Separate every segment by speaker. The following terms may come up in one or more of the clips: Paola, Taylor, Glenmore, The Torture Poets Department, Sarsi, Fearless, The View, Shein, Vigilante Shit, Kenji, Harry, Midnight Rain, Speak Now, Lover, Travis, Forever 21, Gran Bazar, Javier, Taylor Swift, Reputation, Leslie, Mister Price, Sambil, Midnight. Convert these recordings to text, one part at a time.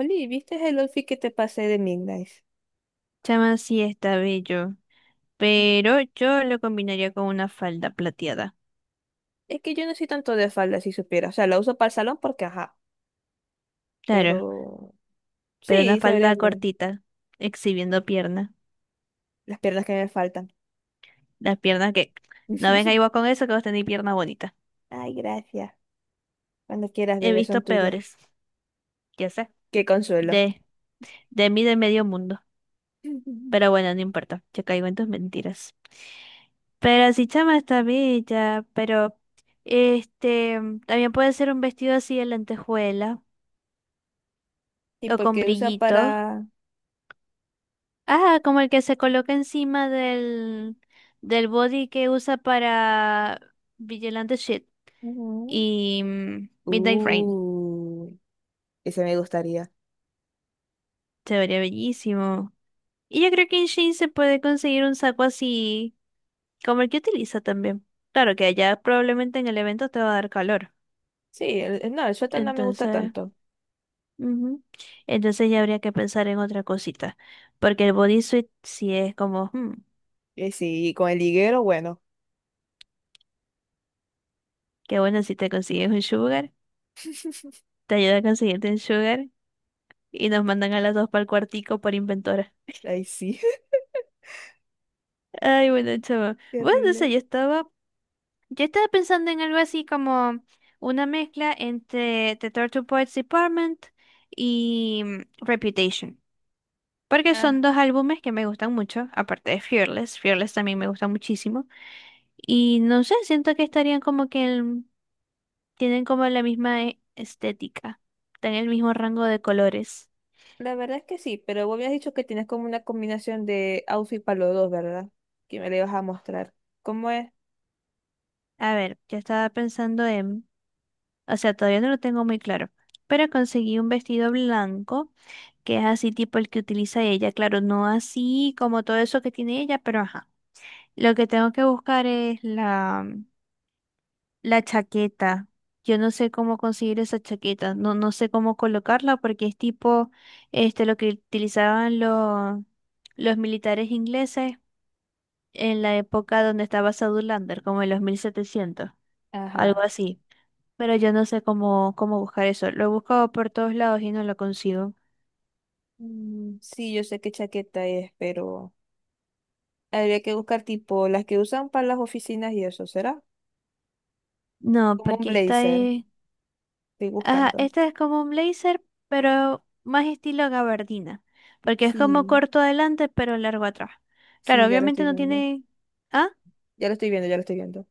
Speaker 1: Oli, ¿viste el outfit que te pasé de Midnight?
Speaker 2: Chama sí está bello,
Speaker 1: Sí.
Speaker 2: pero yo lo combinaría con una falda plateada.
Speaker 1: Es que yo no soy tanto de falda, si supiera. O sea, la uso para el salón porque, ajá.
Speaker 2: Claro,
Speaker 1: Pero
Speaker 2: pero una
Speaker 1: sí, se vería
Speaker 2: falda
Speaker 1: bien.
Speaker 2: cortita, exhibiendo pierna.
Speaker 1: Las piernas que me faltan.
Speaker 2: Las piernas que... No venga igual con eso que vos tenéis pierna bonita.
Speaker 1: Ay, gracias. Cuando quieras,
Speaker 2: He
Speaker 1: bebé,
Speaker 2: visto
Speaker 1: son tuyas.
Speaker 2: peores, ya sé,
Speaker 1: Qué consuelo.
Speaker 2: de, de mí de medio mundo. Pero bueno, no importa, yo caigo en tus mentiras. Pero sí, chama está bella, pero este también puede ser un vestido así de lentejuela
Speaker 1: Y
Speaker 2: o con
Speaker 1: porque usa
Speaker 2: brillito.
Speaker 1: para...
Speaker 2: Ah, como el que se coloca encima del body que usa para Vigilante Shit
Speaker 1: Ujú.
Speaker 2: y Midnight Rain.
Speaker 1: Uh, ese me gustaría.
Speaker 2: Se vería bellísimo. Y yo creo que en Shein se puede conseguir un saco así como el que utiliza también. Claro que allá probablemente en el evento te va a dar calor.
Speaker 1: Sí, no, el suéter no me gusta
Speaker 2: Entonces,
Speaker 1: tanto.
Speaker 2: ujú. Entonces ya habría que pensar en otra cosita. Porque el bodysuit sí es como,
Speaker 1: Sí, y con el higuero, bueno.
Speaker 2: qué bueno si te consigues un sugar. Te ayuda a conseguirte un sugar y nos mandan a las dos para el cuartico por inventora.
Speaker 1: Ay, sí.
Speaker 2: Ay, bueno, chaval. Bueno, no
Speaker 1: Terrible.
Speaker 2: sé, yo estaba pensando en algo así como una mezcla entre The Torture Poets Department y Reputation. Porque son dos álbumes que me gustan mucho, aparte de Fearless. Fearless también me gusta muchísimo. Y no sé, siento que estarían como que tienen como la misma estética, están en el mismo rango de colores.
Speaker 1: La verdad es que sí, pero vos habías dicho que tienes como una combinación de outfit para los dos, ¿verdad? Que me le vas a mostrar. ¿Cómo es?
Speaker 2: A ver, yo estaba pensando en... O sea, todavía no lo tengo muy claro. Pero conseguí un vestido blanco, que es así tipo el que utiliza ella. Claro, no así como todo eso que tiene ella, pero ajá. Lo que tengo que buscar es la chaqueta. Yo no sé cómo conseguir esa chaqueta. No, no sé cómo colocarla porque es tipo lo que utilizaban los militares ingleses en la época donde estaba Sadulander, como en los 1700, algo
Speaker 1: Ajá.
Speaker 2: así, pero yo no sé cómo buscar eso. Lo he buscado por todos lados y no lo consigo.
Speaker 1: Mm, sí, yo sé qué chaqueta es, pero habría que buscar tipo las que usan para las oficinas y eso, ¿será?
Speaker 2: No,
Speaker 1: Como un
Speaker 2: porque esta
Speaker 1: blazer.
Speaker 2: es...
Speaker 1: Estoy
Speaker 2: Ajá,
Speaker 1: buscando.
Speaker 2: esta es como un blazer, pero más estilo gabardina. Porque es como
Speaker 1: Sí,
Speaker 2: corto adelante, pero largo atrás. Claro,
Speaker 1: sí, ya lo
Speaker 2: obviamente
Speaker 1: estoy
Speaker 2: no
Speaker 1: viendo.
Speaker 2: tiene... Ah,
Speaker 1: Ya lo estoy viendo, ya lo estoy viendo.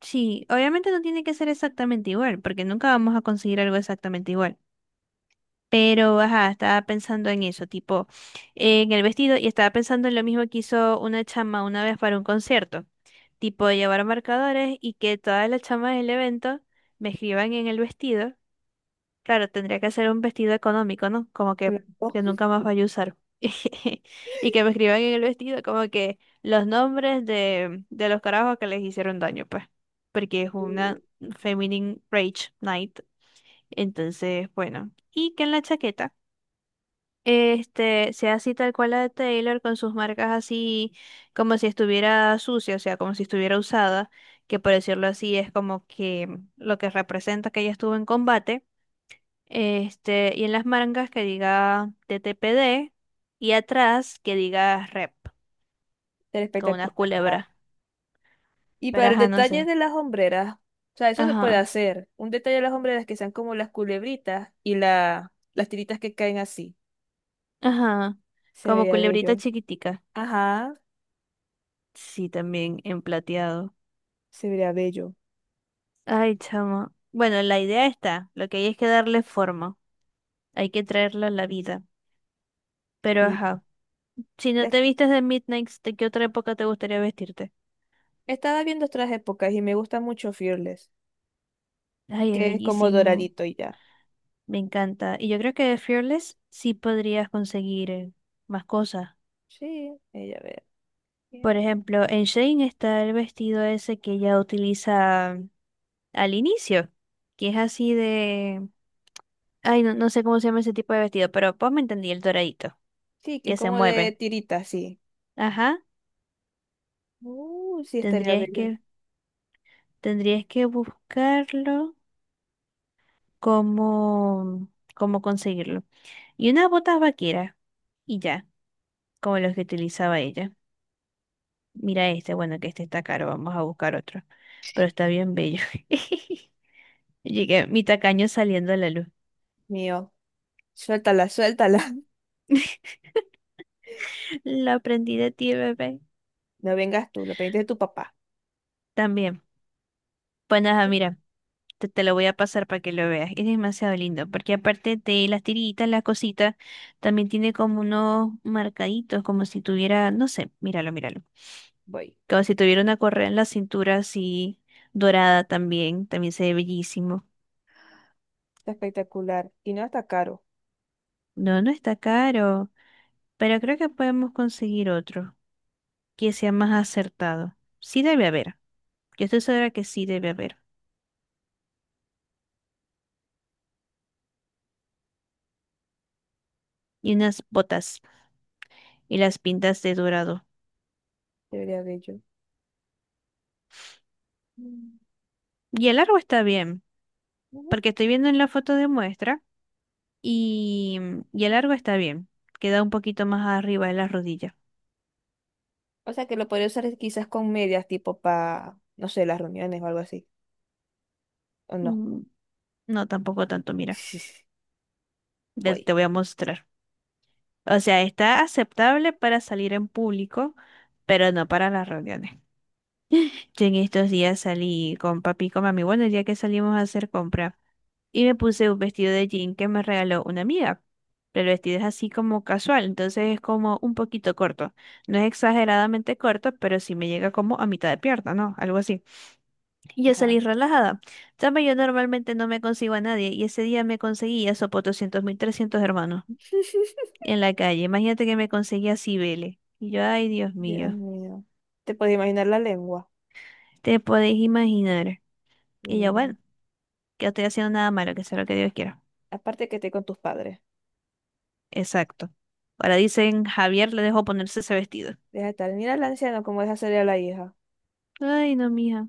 Speaker 2: sí, obviamente no tiene que ser exactamente igual, porque nunca vamos a conseguir algo exactamente igual. Pero, ajá, estaba pensando en eso, tipo, en el vestido, y estaba pensando en lo mismo que hizo una chama una vez para un concierto, tipo, llevar marcadores y que todas las chamas del evento me escriban en el vestido. Claro, tendría que hacer un vestido económico, ¿no? Como
Speaker 1: Claro.
Speaker 2: que nunca más vaya a usar. Y que me escriban en el vestido como que los nombres de los carajos que les hicieron daño, pues, porque es una Feminine Rage Night. Entonces, bueno, y que en la chaqueta. Sea así tal cual la de Taylor, con sus marcas así como si estuviera sucia, o sea, como si estuviera usada, que por decirlo así es como que lo que representa que ella estuvo en combate. Y en las mangas que diga TTPD y atrás que diga rep,
Speaker 1: Ser
Speaker 2: con una
Speaker 1: espectacular.
Speaker 2: culebra.
Speaker 1: Y para
Speaker 2: Pero
Speaker 1: el
Speaker 2: ajá, no
Speaker 1: detalle
Speaker 2: sé.
Speaker 1: de las hombreras, o sea, eso se puede
Speaker 2: Ajá,
Speaker 1: hacer. Un detalle de las hombreras que sean como las culebritas y las tiritas que caen así.
Speaker 2: ajá.
Speaker 1: Se
Speaker 2: Como
Speaker 1: vería
Speaker 2: culebrita
Speaker 1: bello.
Speaker 2: chiquitica.
Speaker 1: Ajá,
Speaker 2: Sí, también en plateado.
Speaker 1: se vería bello.
Speaker 2: Ay, chamo. Bueno, la idea está, lo que hay es que darle forma. Hay que traerla a la vida. Pero
Speaker 1: Sí.
Speaker 2: ajá, si no
Speaker 1: Des-
Speaker 2: te vistes de Midnight, ¿de qué otra época te gustaría vestirte?
Speaker 1: Estaba viendo otras épocas y me gusta mucho Fearless,
Speaker 2: Ay, es
Speaker 1: que es como
Speaker 2: bellísimo.
Speaker 1: doradito y ya.
Speaker 2: Me encanta. Y yo creo que de Fearless sí podrías conseguir más cosas.
Speaker 1: Sí, ella ve.
Speaker 2: Por
Speaker 1: Bien.
Speaker 2: ejemplo, en Shane está el vestido ese que ella utiliza al inicio, que es así de... Ay, no, no sé cómo se llama ese tipo de vestido, pero pues me entendí el doradito,
Speaker 1: Sí, que es
Speaker 2: que se
Speaker 1: como de
Speaker 2: mueve.
Speaker 1: tirita, sí.
Speaker 2: Ajá,
Speaker 1: Sí, estaría
Speaker 2: tendrías
Speaker 1: bello.
Speaker 2: que, tendrías que buscarlo cómo, cómo conseguirlo. Y unas botas vaqueras, y ya, como los que utilizaba ella. Mira este, bueno, que este está caro, vamos a buscar otro. Pero está bien bello. Llegué, mi tacaño saliendo a la luz.
Speaker 1: Mío, suéltala, suéltala.
Speaker 2: Lo aprendí de ti, bebé.
Speaker 1: No vengas tú, lo pediste de tu papá.
Speaker 2: También. Pues nada, mira, te lo voy a pasar para que lo veas. Es demasiado lindo, porque aparte de las tiritas, las cositas, también tiene como unos marcaditos, como si tuviera, no sé, míralo, míralo.
Speaker 1: Voy.
Speaker 2: Como si tuviera una correa en la cintura así, dorada también, también se ve bellísimo.
Speaker 1: Está espectacular. Y no está caro.
Speaker 2: No, no está caro, pero creo que podemos conseguir otro que sea más acertado. Sí debe haber, yo estoy segura que sí debe haber. Y unas botas y las pintas de dorado.
Speaker 1: Debería de yo. Mm,
Speaker 2: Y el largo está bien,
Speaker 1: ujú.
Speaker 2: porque estoy viendo en la foto de muestra y, y el largo está bien. Queda un poquito más arriba de la rodilla.
Speaker 1: O sea que lo podría usar quizás con medias tipo para, no sé, las reuniones o algo así. ¿O no?
Speaker 2: Mm, No, tampoco tanto, mira,
Speaker 1: Voy.
Speaker 2: te voy a mostrar. O sea, está aceptable para salir en público, pero no para las reuniones. Yo en estos días salí con papi y con mami, bueno, el día que salimos a hacer compra, y me puse un vestido de jean que me regaló una amiga, pero el vestido es así como casual, entonces es como un poquito corto, no es exageradamente corto, pero sí me llega como a mitad de pierna, ¿no? Algo así. Y yo salí
Speaker 1: Ajá.
Speaker 2: relajada. También yo normalmente no me consigo a nadie, y ese día me conseguí a Sopo 200 mil 300 hermanos en la calle, imagínate que me conseguí a Cibele, y yo, ay Dios
Speaker 1: Dios
Speaker 2: mío,
Speaker 1: mío. ¿Te puedes imaginar la lengua?
Speaker 2: te podéis imaginar.
Speaker 1: Uy,
Speaker 2: Y yo,
Speaker 1: no.
Speaker 2: bueno, que no estoy haciendo nada malo, que sea lo que Dios quiera.
Speaker 1: Aparte que esté con tus padres.
Speaker 2: Exacto. Ahora dicen, Javier le dejó ponerse ese vestido.
Speaker 1: Deja de estar. Mira al anciano cómo deja salir a la hija.
Speaker 2: Ay, no, mija.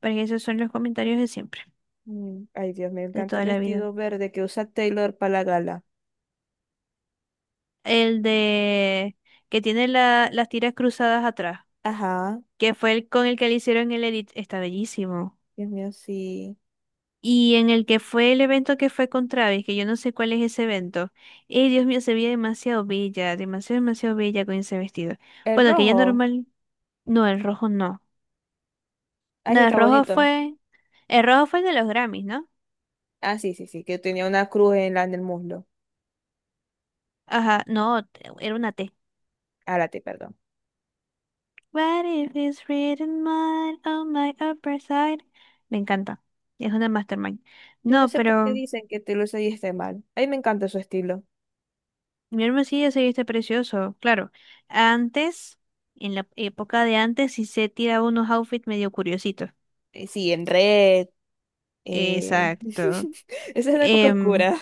Speaker 2: Pero esos son los comentarios de siempre,
Speaker 1: Mm. Ay, Dios, me
Speaker 2: de
Speaker 1: encanta el
Speaker 2: toda la vida.
Speaker 1: vestido verde que usa Taylor para la gala.
Speaker 2: El de que tiene las tiras cruzadas atrás,
Speaker 1: Ajá.
Speaker 2: que fue el con el que le hicieron el edit, está bellísimo.
Speaker 1: Dios mío, sí.
Speaker 2: Y en el que fue el evento que fue con Travis, que yo no sé cuál es ese evento. Dios mío, se veía demasiado bella, demasiado, demasiado bella con ese vestido.
Speaker 1: El
Speaker 2: Bueno, que ya
Speaker 1: rojo.
Speaker 2: normal, no, el rojo no.
Speaker 1: Ay, sí,
Speaker 2: No, el
Speaker 1: está
Speaker 2: rojo
Speaker 1: bonito.
Speaker 2: fue. El rojo fue el de los Grammys, ¿no?
Speaker 1: Ah, sí, sí, sí, que tenía una cruz en la, en el muslo.
Speaker 2: Ajá, no, era una T.
Speaker 1: Álate, perdón.
Speaker 2: What if it's written mine on my upper side? Me encanta. Es una mastermind.
Speaker 1: Yo no
Speaker 2: No,
Speaker 1: sé por qué
Speaker 2: pero
Speaker 1: dicen que Taylor Swift esté mal. A mí me encanta su estilo.
Speaker 2: mi hermosillo se viste precioso. Claro, antes, en la época de antes, sí se tiraba unos outfits medio curiositos.
Speaker 1: Sí, en red. eh,
Speaker 2: Exacto.
Speaker 1: Esa es la época
Speaker 2: Em,
Speaker 1: oscura.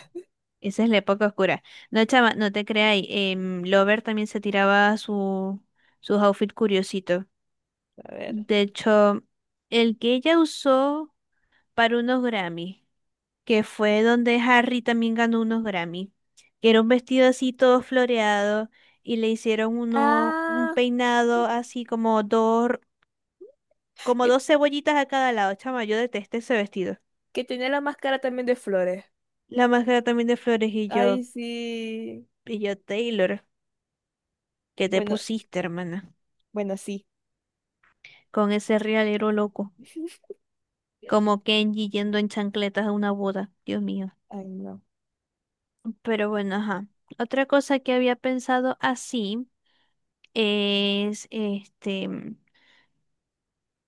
Speaker 2: Esa es la época oscura. No, chama, no te creáis. Lover también se tiraba sus outfits curiositos.
Speaker 1: A ver.
Speaker 2: De hecho, el que ella usó para unos Grammy, que fue donde Harry también ganó unos Grammy, que era un vestido así todo floreado y le hicieron uno, un
Speaker 1: Ah,
Speaker 2: peinado así como
Speaker 1: que,
Speaker 2: dos cebollitas a cada lado. Chama, yo detesté ese vestido.
Speaker 1: que tenía la máscara también de flores.
Speaker 2: La máscara también de flores
Speaker 1: Ay, sí.
Speaker 2: y yo, Taylor, ¿qué te
Speaker 1: Bueno,
Speaker 2: pusiste, hermana?
Speaker 1: bueno, sí.
Speaker 2: Con ese realero loco, como Kenji yendo en chancletas a una boda. Dios mío.
Speaker 1: Ay, no.
Speaker 2: Pero bueno, ajá. Otra cosa que había pensado así es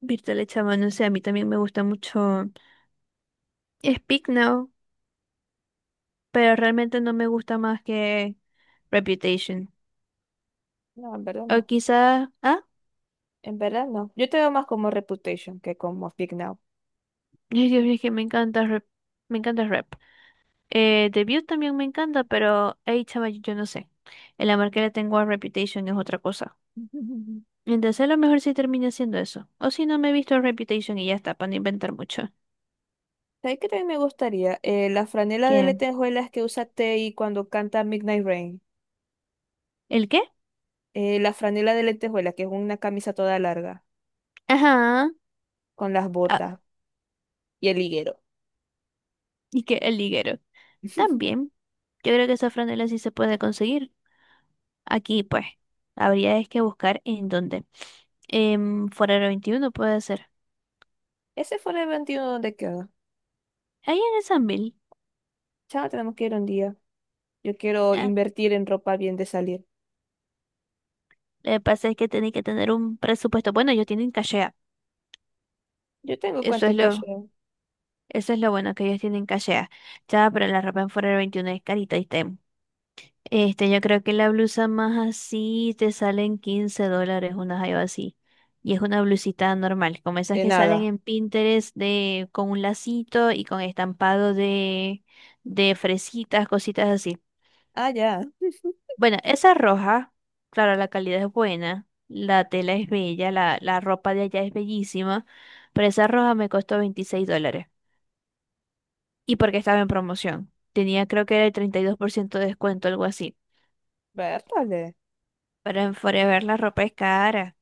Speaker 2: Virtual Chama, no sé, a mí también me gusta mucho Speak Now, pero realmente no me gusta más que Reputation.
Speaker 1: No, en verdad
Speaker 2: O
Speaker 1: no.
Speaker 2: quizás, ah,
Speaker 1: En verdad no. Yo te veo más como Reputation que como Speak Now.
Speaker 2: ay, Dios mío, es que me encanta Rep, me encanta Rep. The View también me encanta, pero hey, chama, yo no sé. El amor que le tengo a Reputation es otra cosa. Entonces a lo mejor sí termina siendo eso. O si no me he visto Reputation y ya está, para no inventar mucho.
Speaker 1: ¿Sabes qué también me gustaría? La franela de
Speaker 2: ¿Qué?
Speaker 1: lentejuelas que usa Tay cuando canta Midnight Rain.
Speaker 2: ¿El qué?
Speaker 1: La franela de lentejuela, que es una camisa toda larga,
Speaker 2: Ajá.
Speaker 1: con las
Speaker 2: Ah,
Speaker 1: botas y el higuero.
Speaker 2: y que el liguero. También. Yo creo que esa franela sí se puede conseguir. Aquí, pues, habría es que buscar en dónde. En Forero 21 puede ser.
Speaker 1: Ese fue el evento donde quedó.
Speaker 2: Ahí en el Sambil.
Speaker 1: Chao, tenemos que ir un día. Yo quiero
Speaker 2: Ah,
Speaker 1: invertir en ropa bien de salir.
Speaker 2: lo que pasa es que tienen que tener un presupuesto. Bueno, ellos tienen cachea.
Speaker 1: Yo tengo
Speaker 2: Eso
Speaker 1: cuenta
Speaker 2: es
Speaker 1: en cash.
Speaker 2: lo, eso es lo bueno que ellos tienen cachea. Ya, pero la ropa en Forero 21 es carita y está. Yo creo que la blusa más así te salen $15, una jaiba así. Y es una blusita normal, como esas
Speaker 1: De
Speaker 2: que salen
Speaker 1: nada.
Speaker 2: en Pinterest de, con un lacito y con estampado de fresitas, cositas así.
Speaker 1: Ah, ya.
Speaker 2: Bueno, esa roja, claro, la calidad es buena, la tela es bella, la ropa de allá es bellísima, pero esa roja me costó $26. Y porque estaba en promoción. Tenía creo que era el 32% de descuento, algo así.
Speaker 1: Vértale.
Speaker 2: Pero en Forever la ropa es cara.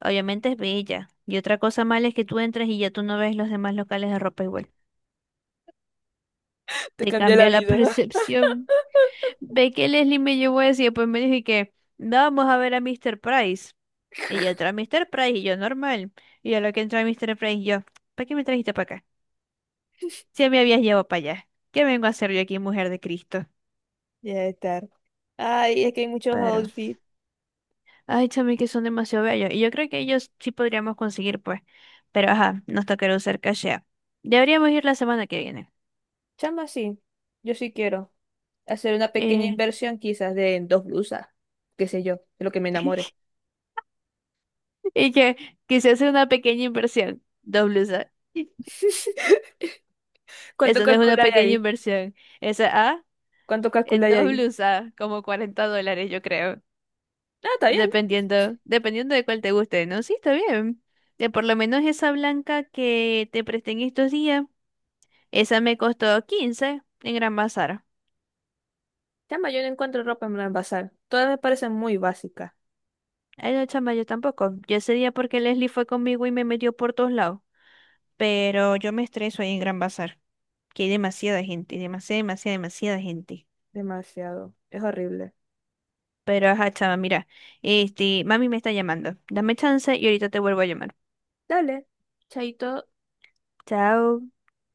Speaker 2: Obviamente es bella. Y otra cosa mala es que tú entras y ya tú no ves los demás locales de ropa igual.
Speaker 1: Te
Speaker 2: Te
Speaker 1: cambié la
Speaker 2: cambia la
Speaker 1: vida.
Speaker 2: percepción. Ve que Leslie me llevó así, y después me dije que "No, vamos a ver a Mister Price". Y yo entré a Mister Price y yo normal. Y a lo que entré a Mister Price yo, ¿para qué me trajiste para acá? Si me habías llevado para allá. ¿Qué vengo a hacer yo aquí, mujer de Cristo?
Speaker 1: Ya estar. Ay, es que hay muchos
Speaker 2: Pero,
Speaker 1: outfits.
Speaker 2: ay, chame, que son demasiado bellos. Y yo creo que ellos sí podríamos conseguir, pues. Pero ajá, nos tocará usar cachea. Deberíamos ir la semana que viene.
Speaker 1: Chama, sí. Yo sí quiero hacer una pequeña
Speaker 2: Eh,
Speaker 1: inversión, quizás de en dos blusas. Qué sé yo, de lo que me enamore.
Speaker 2: Y que quise hacer una pequeña inversión. Dos blusas.
Speaker 1: ¿Cuánto
Speaker 2: Eso no es una
Speaker 1: calculáis
Speaker 2: pequeña
Speaker 1: ahí?
Speaker 2: inversión. Esa A,
Speaker 1: ¿Cuánto
Speaker 2: en
Speaker 1: calculáis
Speaker 2: dos
Speaker 1: ahí?
Speaker 2: blusas, como $40, yo creo.
Speaker 1: Ah, está bien.
Speaker 2: Dependiendo, dependiendo de cuál te guste, ¿no? Sí, está bien. Por lo menos esa blanca que te presté en estos días, esa me costó 15 en Gran Bazar.
Speaker 1: Chama, yo no encuentro ropa en el bazar. Todas me parecen muy básicas.
Speaker 2: Ay, no, chama, yo tampoco. Yo ese día porque Leslie fue conmigo y me metió por todos lados. Pero yo me estreso ahí en Gran Bazar, que hay demasiada gente, demasiada, demasiada, demasiada gente.
Speaker 1: Demasiado. Es horrible.
Speaker 2: Pero ajá, chama, mira, mami me está llamando. Dame chance y ahorita te vuelvo a llamar.
Speaker 1: Dale. Chaito.
Speaker 2: Chao.